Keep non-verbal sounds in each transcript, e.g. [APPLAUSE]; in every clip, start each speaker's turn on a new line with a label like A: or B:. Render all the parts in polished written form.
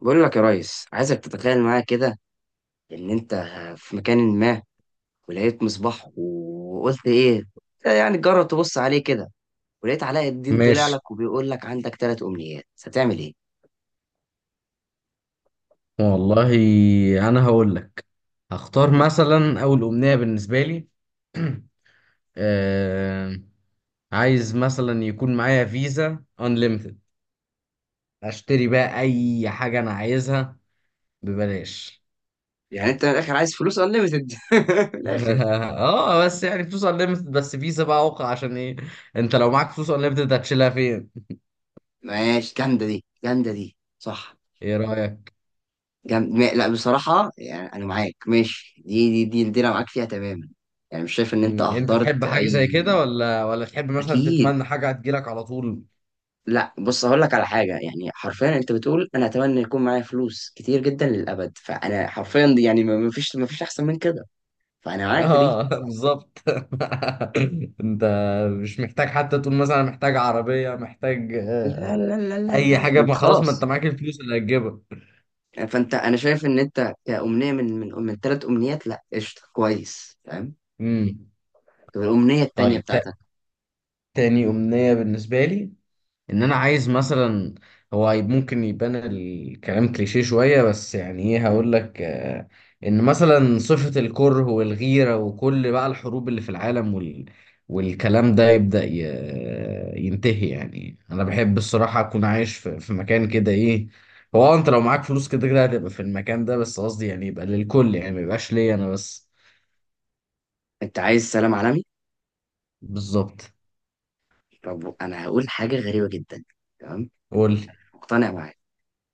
A: بقول لك يا ريس، عايزك تتخيل معايا كده ان انت في مكان ما، ولقيت مصباح وقلت ايه. يعني جرب تبص عليه كده، ولقيت علاء الدين طلع
B: ماشي،
A: لك وبيقول لك عندك 3 امنيات، هتعمل ايه؟
B: والله انا هقول لك. هختار مثلا اول امنية بالنسبة لي. [CLEARS THROAT] آه... عايز مثلا يكون معايا فيزا unlimited، اشتري بقى اي حاجة انا عايزها ببلاش.
A: يعني انت من الاخر عايز فلوس انليمتد. [LAUGHS] من الاخر.
B: [LAUGHS] اه، بس يعني فلوس unlimited، بس فيزا بقى اوقع، عشان ايه؟ انت لو معاك فلوس unlimited هتشيلها فين؟
A: ماشي، جامده دي، جامده دي صح.
B: ايه رأيك؟
A: جامد لا، بصراحه يعني انا معاك، ماشي دي انا معاك فيها تماما. يعني مش شايف ان انت
B: انت تحب
A: اهدرت
B: حاجة زي
A: اي.
B: كده ولا تحب مثلا
A: اكيد.
B: تتمنى حاجة هتجيلك على طول؟
A: لا بص، هقول لك على حاجه، يعني حرفيا انت بتقول انا اتمنى يكون معايا فلوس كتير جدا للابد، فانا حرفيا دي يعني ما فيش احسن من كده. فانا معاك في دي.
B: اه. [LAUGHS] بالظبط. [LAUGHS] انت مش محتاج حتى تقول مثلا، أنا محتاج عربية، محتاج
A: لا، لا، لا، لا، لا،
B: اي
A: لا،
B: حاجة.
A: ما انت
B: ما خلاص، ما انت
A: خلاص.
B: معاك الفلوس اللي هتجيبها.
A: فانت انا شايف ان انت كأمنية من 3 امنيات، لا قشطه، كويس فاهم.
B: امم.
A: طب الامنيه التانيه
B: طيب،
A: بتاعتك؟
B: تاني أمنية بالنسبة لي، ان انا عايز مثلا. هو ممكن يبان الكلام كليشيه شوية، بس يعني ايه
A: مم.
B: هقول لك، ان مثلا صفة الكره والغيرة وكل بقى الحروب اللي في العالم والكلام ده يبدأ ينتهي. يعني انا بحب الصراحة اكون عايش في مكان كده، ايه. هو انت لو معاك فلوس كده كده هتبقى في المكان ده، بس قصدي يعني يبقى للكل، يعني ما يبقاش ليا انا بس.
A: انت عايز سلام عالمي.
B: بالظبط.
A: طب انا هقول حاجه غريبه جدا. تمام.
B: قول لي.
A: مقتنع معاك.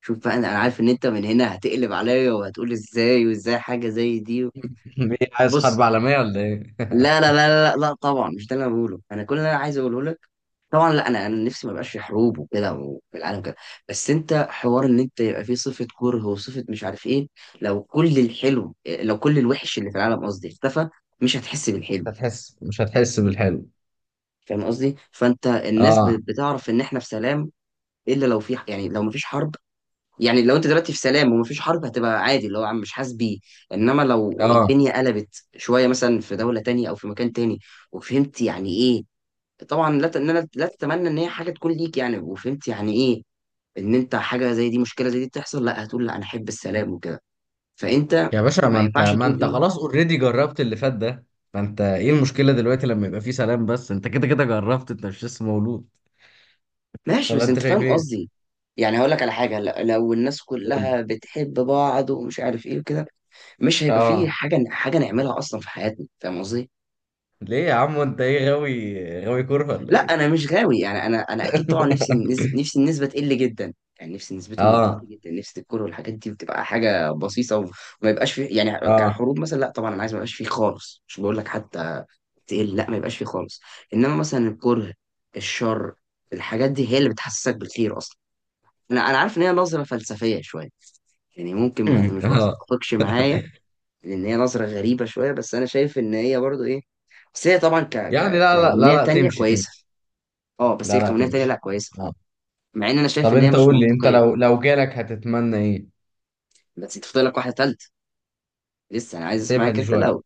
A: شوف بقى، انا عارف ان انت من هنا هتقلب عليا وهتقول ازاي وازاي حاجه زي دي.
B: [LAUGHS] ايه، عايز
A: بص.
B: حرب عالمية ولا ايه؟
A: لا، لا، لا، لا، لا، طبعا مش ده اللي انا بقوله. انا كل اللي انا عايز اقوله لك، طبعا لا، انا نفسي ما يبقاش في حروب وكده وفي العالم كده. بس انت حوار ان انت يبقى فيه صفه كره وصفه مش عارف ايه، لو كل الحلو، لو كل الوحش اللي في العالم قصدي اختفى، مش هتحس
B: [LAUGHS]
A: بالحلو.
B: مش هتحس بالحلو.
A: فاهم قصدي؟ فانت الناس
B: اه،
A: بتعرف ان احنا في سلام، الا لو في، يعني لو مفيش حرب. يعني لو انت دلوقتي في سلام ومفيش حرب هتبقى عادي، اللي هو عم مش حاسس بيه. انما لو
B: اه،
A: الدنيا قلبت شويه، مثلا في دوله تانية او في مكان تاني، وفهمت يعني ايه. طبعا لا، ان انا لا تتمنى ان هي حاجه تكون ليك يعني، وفهمت يعني ايه، ان انت حاجه زي دي، مشكله زي دي تحصل لا هتقول لا انا احب السلام وكده. فانت،
B: يا باشا، ما
A: ما
B: انت
A: ينفعش
B: ما
A: تقول
B: انت
A: لي
B: خلاص، اوريدي جربت اللي فات ده. فانت ايه المشكله دلوقتي لما يبقى فيه سلام؟ بس انت كده كده جربت، انت مش لسه مولود.
A: ماشي،
B: ولا
A: بس
B: انت
A: انت
B: شايف
A: فاهم
B: ايه؟
A: قصدي. يعني هقول لك على حاجه، لو الناس
B: قول لي.
A: كلها بتحب بعض ومش عارف ايه وكده، مش هيبقى فيه
B: اه.
A: حاجه نعملها اصلا في حياتنا. فاهم قصدي؟
B: ليه يا عم، انت ايه، غاوي غاوي كوره ولا
A: لا
B: ايه؟
A: انا مش غاوي، يعني انا اكيد طبعا نفسي، نفسي النسبه تقل جدا. يعني نفسي نسبتهم تقل
B: اه،
A: جدا، نفسي الكوره والحاجات دي بتبقى حاجه بسيطه وما يبقاش في يعني
B: اه.
A: كحروب مثلا، لا طبعا انا عايز ما يبقاش فيه خالص، مش بقول لك حتى تقل، لا ما يبقاش فيه خالص. انما مثلا الكره، الشر، الحاجات دي هي اللي بتحسسك بالخير اصلا. انا عارف ان هي نظره فلسفيه شويه، يعني ممكن
B: [LAUGHS] أمم،
A: مش
B: اه.
A: بتتفقش معايا، لان هي نظره غريبه شويه، بس انا شايف ان هي برضو ايه. بس هي طبعا ك
B: يعني
A: ك
B: لا، لا، لا،
A: كأمنية
B: لا،
A: تانية
B: تمشي،
A: كويسة.
B: تمشي.
A: اه بس
B: لا،
A: هي
B: لا،
A: كونية تانية، لا
B: تمشي.
A: كويسة،
B: اه.
A: مع ان انا شايف
B: طب
A: ان هي
B: انت
A: مش
B: قول لي، انت
A: منطقية.
B: لو جالك هتتمنى ايه؟
A: بس انت فاضل لك واحدة تالتة، لسه انا عايز
B: سيبها
A: اسمعك
B: دي
A: انت
B: شويه.
A: الاول.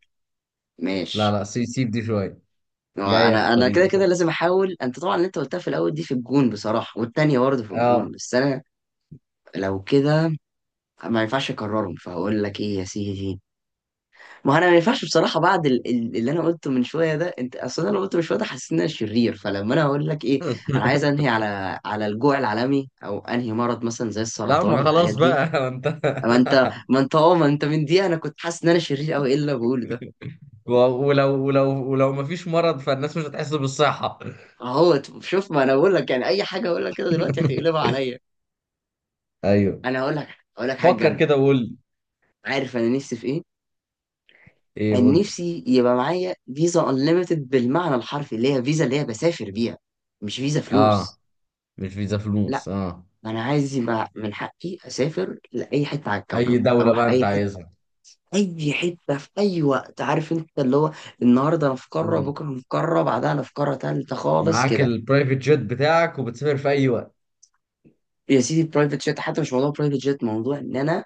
B: لا،
A: ماشي.
B: لا، سيب، سيب دي شويه.
A: هو
B: جايه في
A: انا
B: الطريق،
A: كده
B: ما
A: كده لازم
B: تقلقش.
A: احاول. انت طبعا اللي انت قلتها في الاول دي في الجون بصراحة، والتانية برضه في الجون،
B: اه.
A: بس انا لو كده ما ينفعش اكررهم، فهقول لك ايه يا سيدي. ما انا ما ينفعش بصراحة بعد اللي انا قلته من شوية ده. انت اصلا انا قلته من شوية ده، حسيت ان انا شرير. فلما انا اقول لك ايه، انا عايز
B: [LAUGHS]
A: انهي على الجوع العالمي، او انهي مرض مثلا زي
B: لا،
A: السرطان
B: ما
A: والحاجات
B: خلاص
A: دي.
B: بقى. [LAUGHS] انت
A: ما انت من دي انا كنت حاسس ان انا شرير قوي، ايه اللي أنا بقوله ده؟
B: و- ولو ما فيش مرض فالناس مش هتحس بالصحة.
A: اهو شوف، ما انا بقول لك يعني اي حاجه اقول لك كده دلوقتي هتقلبها
B: [LAUGHS]
A: عليا.
B: ايوه،
A: انا هقول لك هقول لك حاجه
B: فكر
A: جامده.
B: كده وقول لي.
A: عارف انا نفسي في ايه؟
B: ايه، قول
A: انا
B: لي.
A: نفسي يبقى معايا فيزا انليميتد، بالمعنى الحرفي اللي هي فيزا اللي هي بسافر بيها، مش فيزا
B: اه.
A: فلوس.
B: مش فيزا فلوس.
A: لا،
B: اه.
A: انا عايز يبقى من حقي اسافر لاي حته على
B: اي
A: الكوكب،
B: دولة بقى
A: اروح
B: انت
A: اي حته،
B: عايزها؟
A: اي حته في اي وقت، عارف انت اللي هو النهارده انا في قاره،
B: مم.
A: بكره انا في قاره، بعدها انا في قاره تالته خالص
B: معاك
A: كده.
B: البرايفت جيت بتاعك وبتسافر في اي وقت.
A: يا سيدي برايفت جيت، حتى مش موضوع برايفت جيت، موضوع ان انا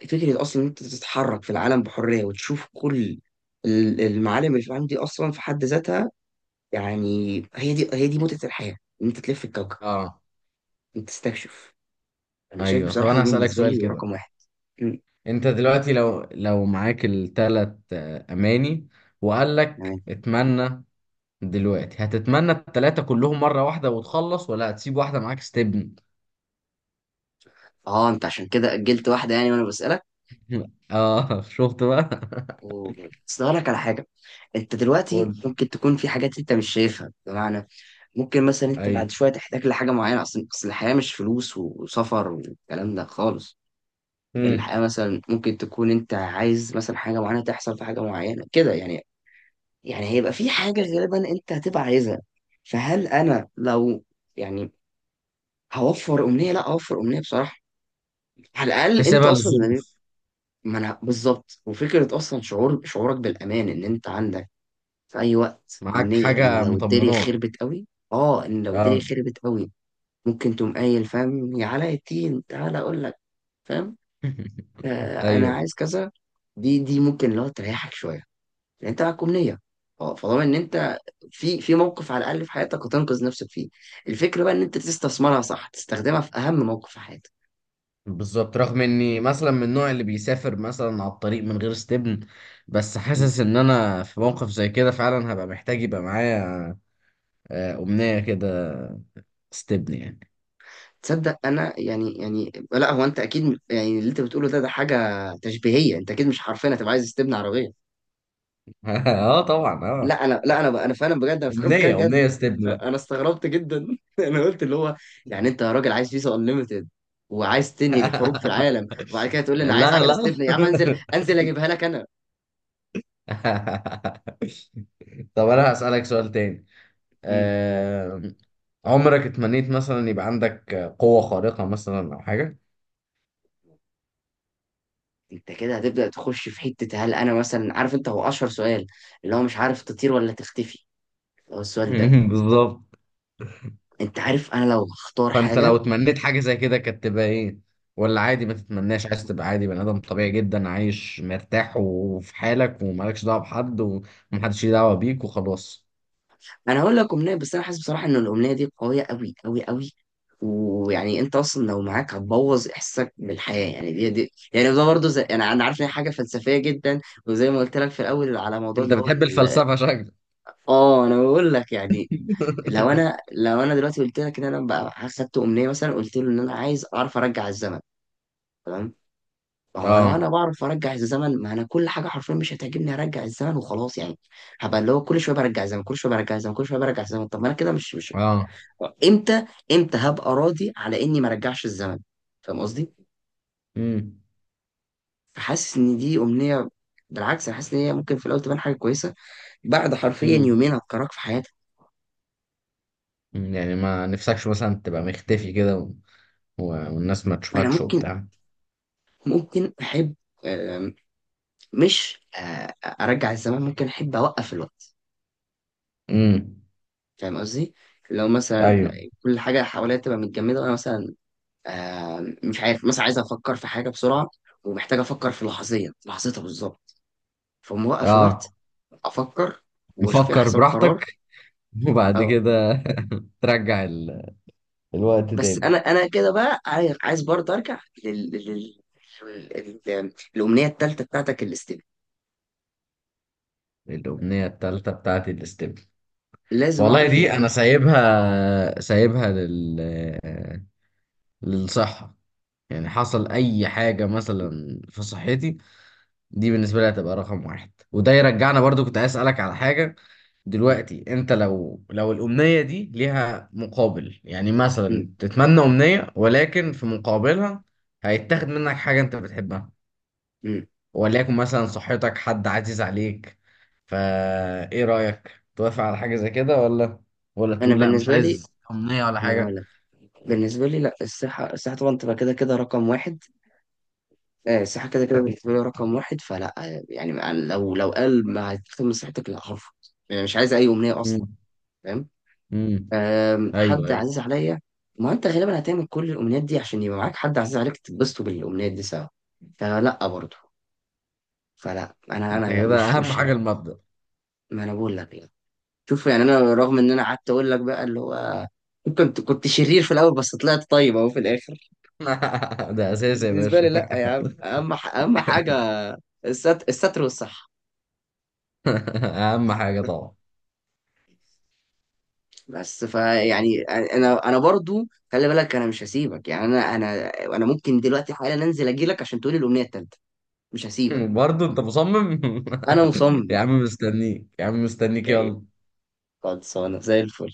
A: فكره اصلا ان انت تتحرك في العالم بحريه وتشوف كل المعالم اللي في العالم دي اصلا في حد ذاتها. يعني هي دي متعه الحياه، ان انت تلف الكوكب،
B: اه.
A: انت تستكشف. انا شايف
B: ايوه، طب
A: بصراحه دي
B: انا هسألك
A: بالنسبه
B: سؤال
A: لي
B: كده.
A: رقم واحد. مم.
B: انت دلوقتي لو معاك التلات اماني، وقال
A: تمام.
B: لك اتمنى، دلوقتي هتتمنى التلاتة كلهم مرة واحدة وتخلص، ولا هتسيب واحدة معاك ستيب؟
A: اه انت عشان كده اجلت واحده يعني، وانا بسالك.
B: [LAUGHS] اه، شفت بقى. [LAUGHS]
A: و- بس أقول لك على حاجه، انت
B: قول
A: دلوقتي
B: لي.
A: ممكن تكون في حاجات انت مش شايفها، بمعنى ممكن مثلا انت بعد
B: ايوه.
A: شويه تحتاج لحاجه معينه. اصلا اصل الحياه مش فلوس وسفر والكلام ده خالص.
B: امم.
A: الحياه مثلا ممكن تكون انت عايز مثلا حاجه معينه تحصل، في حاجه معينه كده يعني، يعني هيبقى في حاجه غالبا انت هتبقى عايزها. فهل انا لو، يعني هوفر امنيه، لا اوفر امنيه بصراحه. على الاقل انت
B: تسيبها
A: اصلا ما.
B: للظروف.
A: ما انا بالظبط، وفكره اصلا شعورك بالامان ان انت عندك في اي وقت
B: معاك
A: امنيه.
B: حاجه مطمنات.
A: ان لو الدنيا
B: اه.
A: خربت قوي، ممكن تقوم قايل فاهم. يا علاء الدين تعالى اقول لك، فاهم،
B: [LAUGHS]
A: انا
B: ايوه،
A: عايز كذا. دي ممكن لو تريحك شويه، لان انت معاك امنيه. اه، فضمان ان انت في موقف على الاقل في حياتك هتنقذ نفسك فيه. الفكره بقى ان انت تستثمرها صح، تستخدمها في اهم موقف في حياتك.
B: بالظبط. رغم اني مثلا من النوع اللي بيسافر مثلا على الطريق من غير استبن، بس
A: م.
B: حاسس ان انا في موقف زي كده فعلا هبقى محتاج يبقى معايا امنية كده، استبن يعني.
A: تصدق انا يعني، لا هو انت اكيد يعني اللي انت بتقوله ده حاجه تشبيهيه، انت اكيد مش حرفيا هتبقى عايز تبني عربيه.
B: [LAUGHS] اه، طبعا. اه.
A: لا انا فعلا بجد انا افتكرت كان
B: امنية،
A: جد.
B: امنية استبن بقى.
A: انا استغربت جدا. [LAUGHS] انا قلت اللي هو، يعني انت يا راجل عايز فيزا انليمتد، وعايز تنهي الحروب في
B: [LAUGHS]
A: العالم، وبعد كده تقول لي انا عايز
B: لا،
A: عجله
B: لا.
A: استبنى؟ يا عم انزل، انزل اجيبها لك انا.
B: [LAUGHS] طب انا
A: فاهم.
B: هسألك سؤال تاني.
A: مم.
B: آه، عمرك اتمنيت مثلا يبقى عندك قوة خارقة مثلا أو حاجة؟
A: انت كده هتبدا تخش في حته، هل انا مثلا عارف انت، هو اشهر سؤال اللي هو مش عارف تطير ولا تختفي، هو السؤال ده.
B: [LAUGHS] بالظبط.
A: انت عارف انا لو هختار
B: فأنت
A: حاجه،
B: لو اتمنيت حاجة زي كده كانت تبقى إيه؟ ولا عادي، ما تتمناش، عايز تبقى عادي بني آدم طبيعي جدا، عايش مرتاح وفي حالك، ومالكش دعوة بحد ومحدش ليه دعوة بيك وخلاص؟
A: انا هقول لك امنيه، بس انا حاسس بصراحه ان الامنيه دي قويه قوي قوي قوي. ويعني انت اصلا لو معاك هتبوظ احساسك بالحياه، يعني دي يعني ده برضه زي، يعني انا عارف ان هي حاجه فلسفيه جدا، وزي ما قلت لك في الاول على موضوع
B: أنت
A: اللي هو
B: بتحب الفلسفة شكلك.
A: اه انا بقول لك يعني.
B: [LAUGHS]
A: لو انا دلوقتي قلت لك ان انا بقى اخدت امنيه مثلا، قلت له ان انا عايز اعرف ارجع الزمن، تمام. ما هو لو
B: اه،
A: انا بعرف ارجع الزمن، ما انا كل حاجه حرفيا مش هتعجبني هرجع الزمن وخلاص يعني. هبقى اللي هو كل شويه برجع الزمن، كل شويه برجع الزمن، كل شويه برجع الزمن. طب ما انا كده مش،
B: اه.
A: امتى امتى هبقى راضي على اني ما رجعش الزمن؟ فاهم قصدي؟
B: امم،
A: فحاسس ان دي امنيه، بالعكس انا حاسس ان هي ممكن في الاول تبان حاجه كويسه، بعد حرفيا
B: امم.
A: يومين هتكرهك في حياتك.
B: يعني ما نفسكش مثلا تبقى مختفي كده والناس ما
A: انا
B: تشوفكش
A: ممكن
B: وبتاع؟
A: احب، آم، مش ارجع الزمن، ممكن احب اوقف الوقت.
B: امم.
A: فاهم قصدي؟ لو مثلا
B: ايوه.
A: كل حاجه حواليا تبقى متجمده وانا مثلا مش عارف، مثلا عايز افكر في حاجه بسرعه، ومحتاج افكر في لحظتها بالظبط. فموقف
B: اه.
A: الوقت، افكر واشوف ايه
B: نفكر
A: احسن قرار.
B: براحتك، وبعد كده [LAUGHS] ترجع الوقت
A: بس
B: تاني.
A: انا كده بقى عايز، برضه ارجع الامنيه الثالثه بتاعتك الاستباء،
B: الأمنية التالتة بتاعتي الاستبن.
A: لازم
B: والله
A: اعرف هي
B: دي
A: ايه.
B: أنا سايبها، سايبها للصحة. يعني حصل أي حاجة مثلا في صحتي، دي بالنسبة لي هتبقى رقم واحد. وده يرجعنا، برضو كنت عايز أسألك على حاجة.
A: مم.
B: دلوقتي أنت لو الأمنية دي ليها مقابل، يعني
A: مم.
B: مثلا تتمنى أمنية ولكن في مقابلها هيتاخد منك حاجة أنت بتحبها،
A: مم.
B: وليكن مثلا صحتك، حد عزيز عليك، فا ايه رأيك، توافق على حاجة زي كده ولا
A: انا
B: تقول لا، مش
A: بالنسبه لي،
B: عايز أمنية ولا
A: ما انا هقول
B: حاجة؟
A: لك بالنسبه لي، لا الصحه، طبعا تبقى كده كده رقم واحد. الصحه كده كده بالنسبه لي رقم واحد، فلا يعني لو قال ما هتهتم بصحتك، لا هرفض، يعني مش عايز اي امنيه اصلا.
B: امم،
A: فاهم.
B: امم. ايوه،
A: حد
B: ايوه.
A: عزيز عليا، ما انت غالبا هتعمل كل الامنيات دي عشان يبقى معاك حد عزيز عليك تتبسطوا بالامنيات دي سوا. فلا برضه، فلا انا
B: انت
A: انا
B: كده
A: مش
B: اهم
A: مش
B: حاجة المبدأ.
A: ما انا بقول لك يعني، شوف، يعني انا رغم ان انا قعدت اقول لك بقى اللي هو كنت شرير في الاول، بس طلعت طيب اهو في الاخر.
B: [LAUGHS] ده اساسي يا
A: بالنسبه لي
B: باشا. [LAUGHS]
A: لا يا عم، اهم حاجه الستر، الستر والصحه.
B: اهم حاجة طبعا.
A: بس فيعني انا برضو، خلي بالك انا مش هسيبك، يعني انا انا ممكن دلوقتي حالا انزل اجي لك عشان تقولي الامنيه التالته. مش هسيبك،
B: برضه انت مصمم؟
A: انا
B: [LAUGHS]
A: مصمم
B: يا عم مستنيك، يا عم مستنيك،
A: جاي.
B: يلا.
A: خلصانه زي الفل.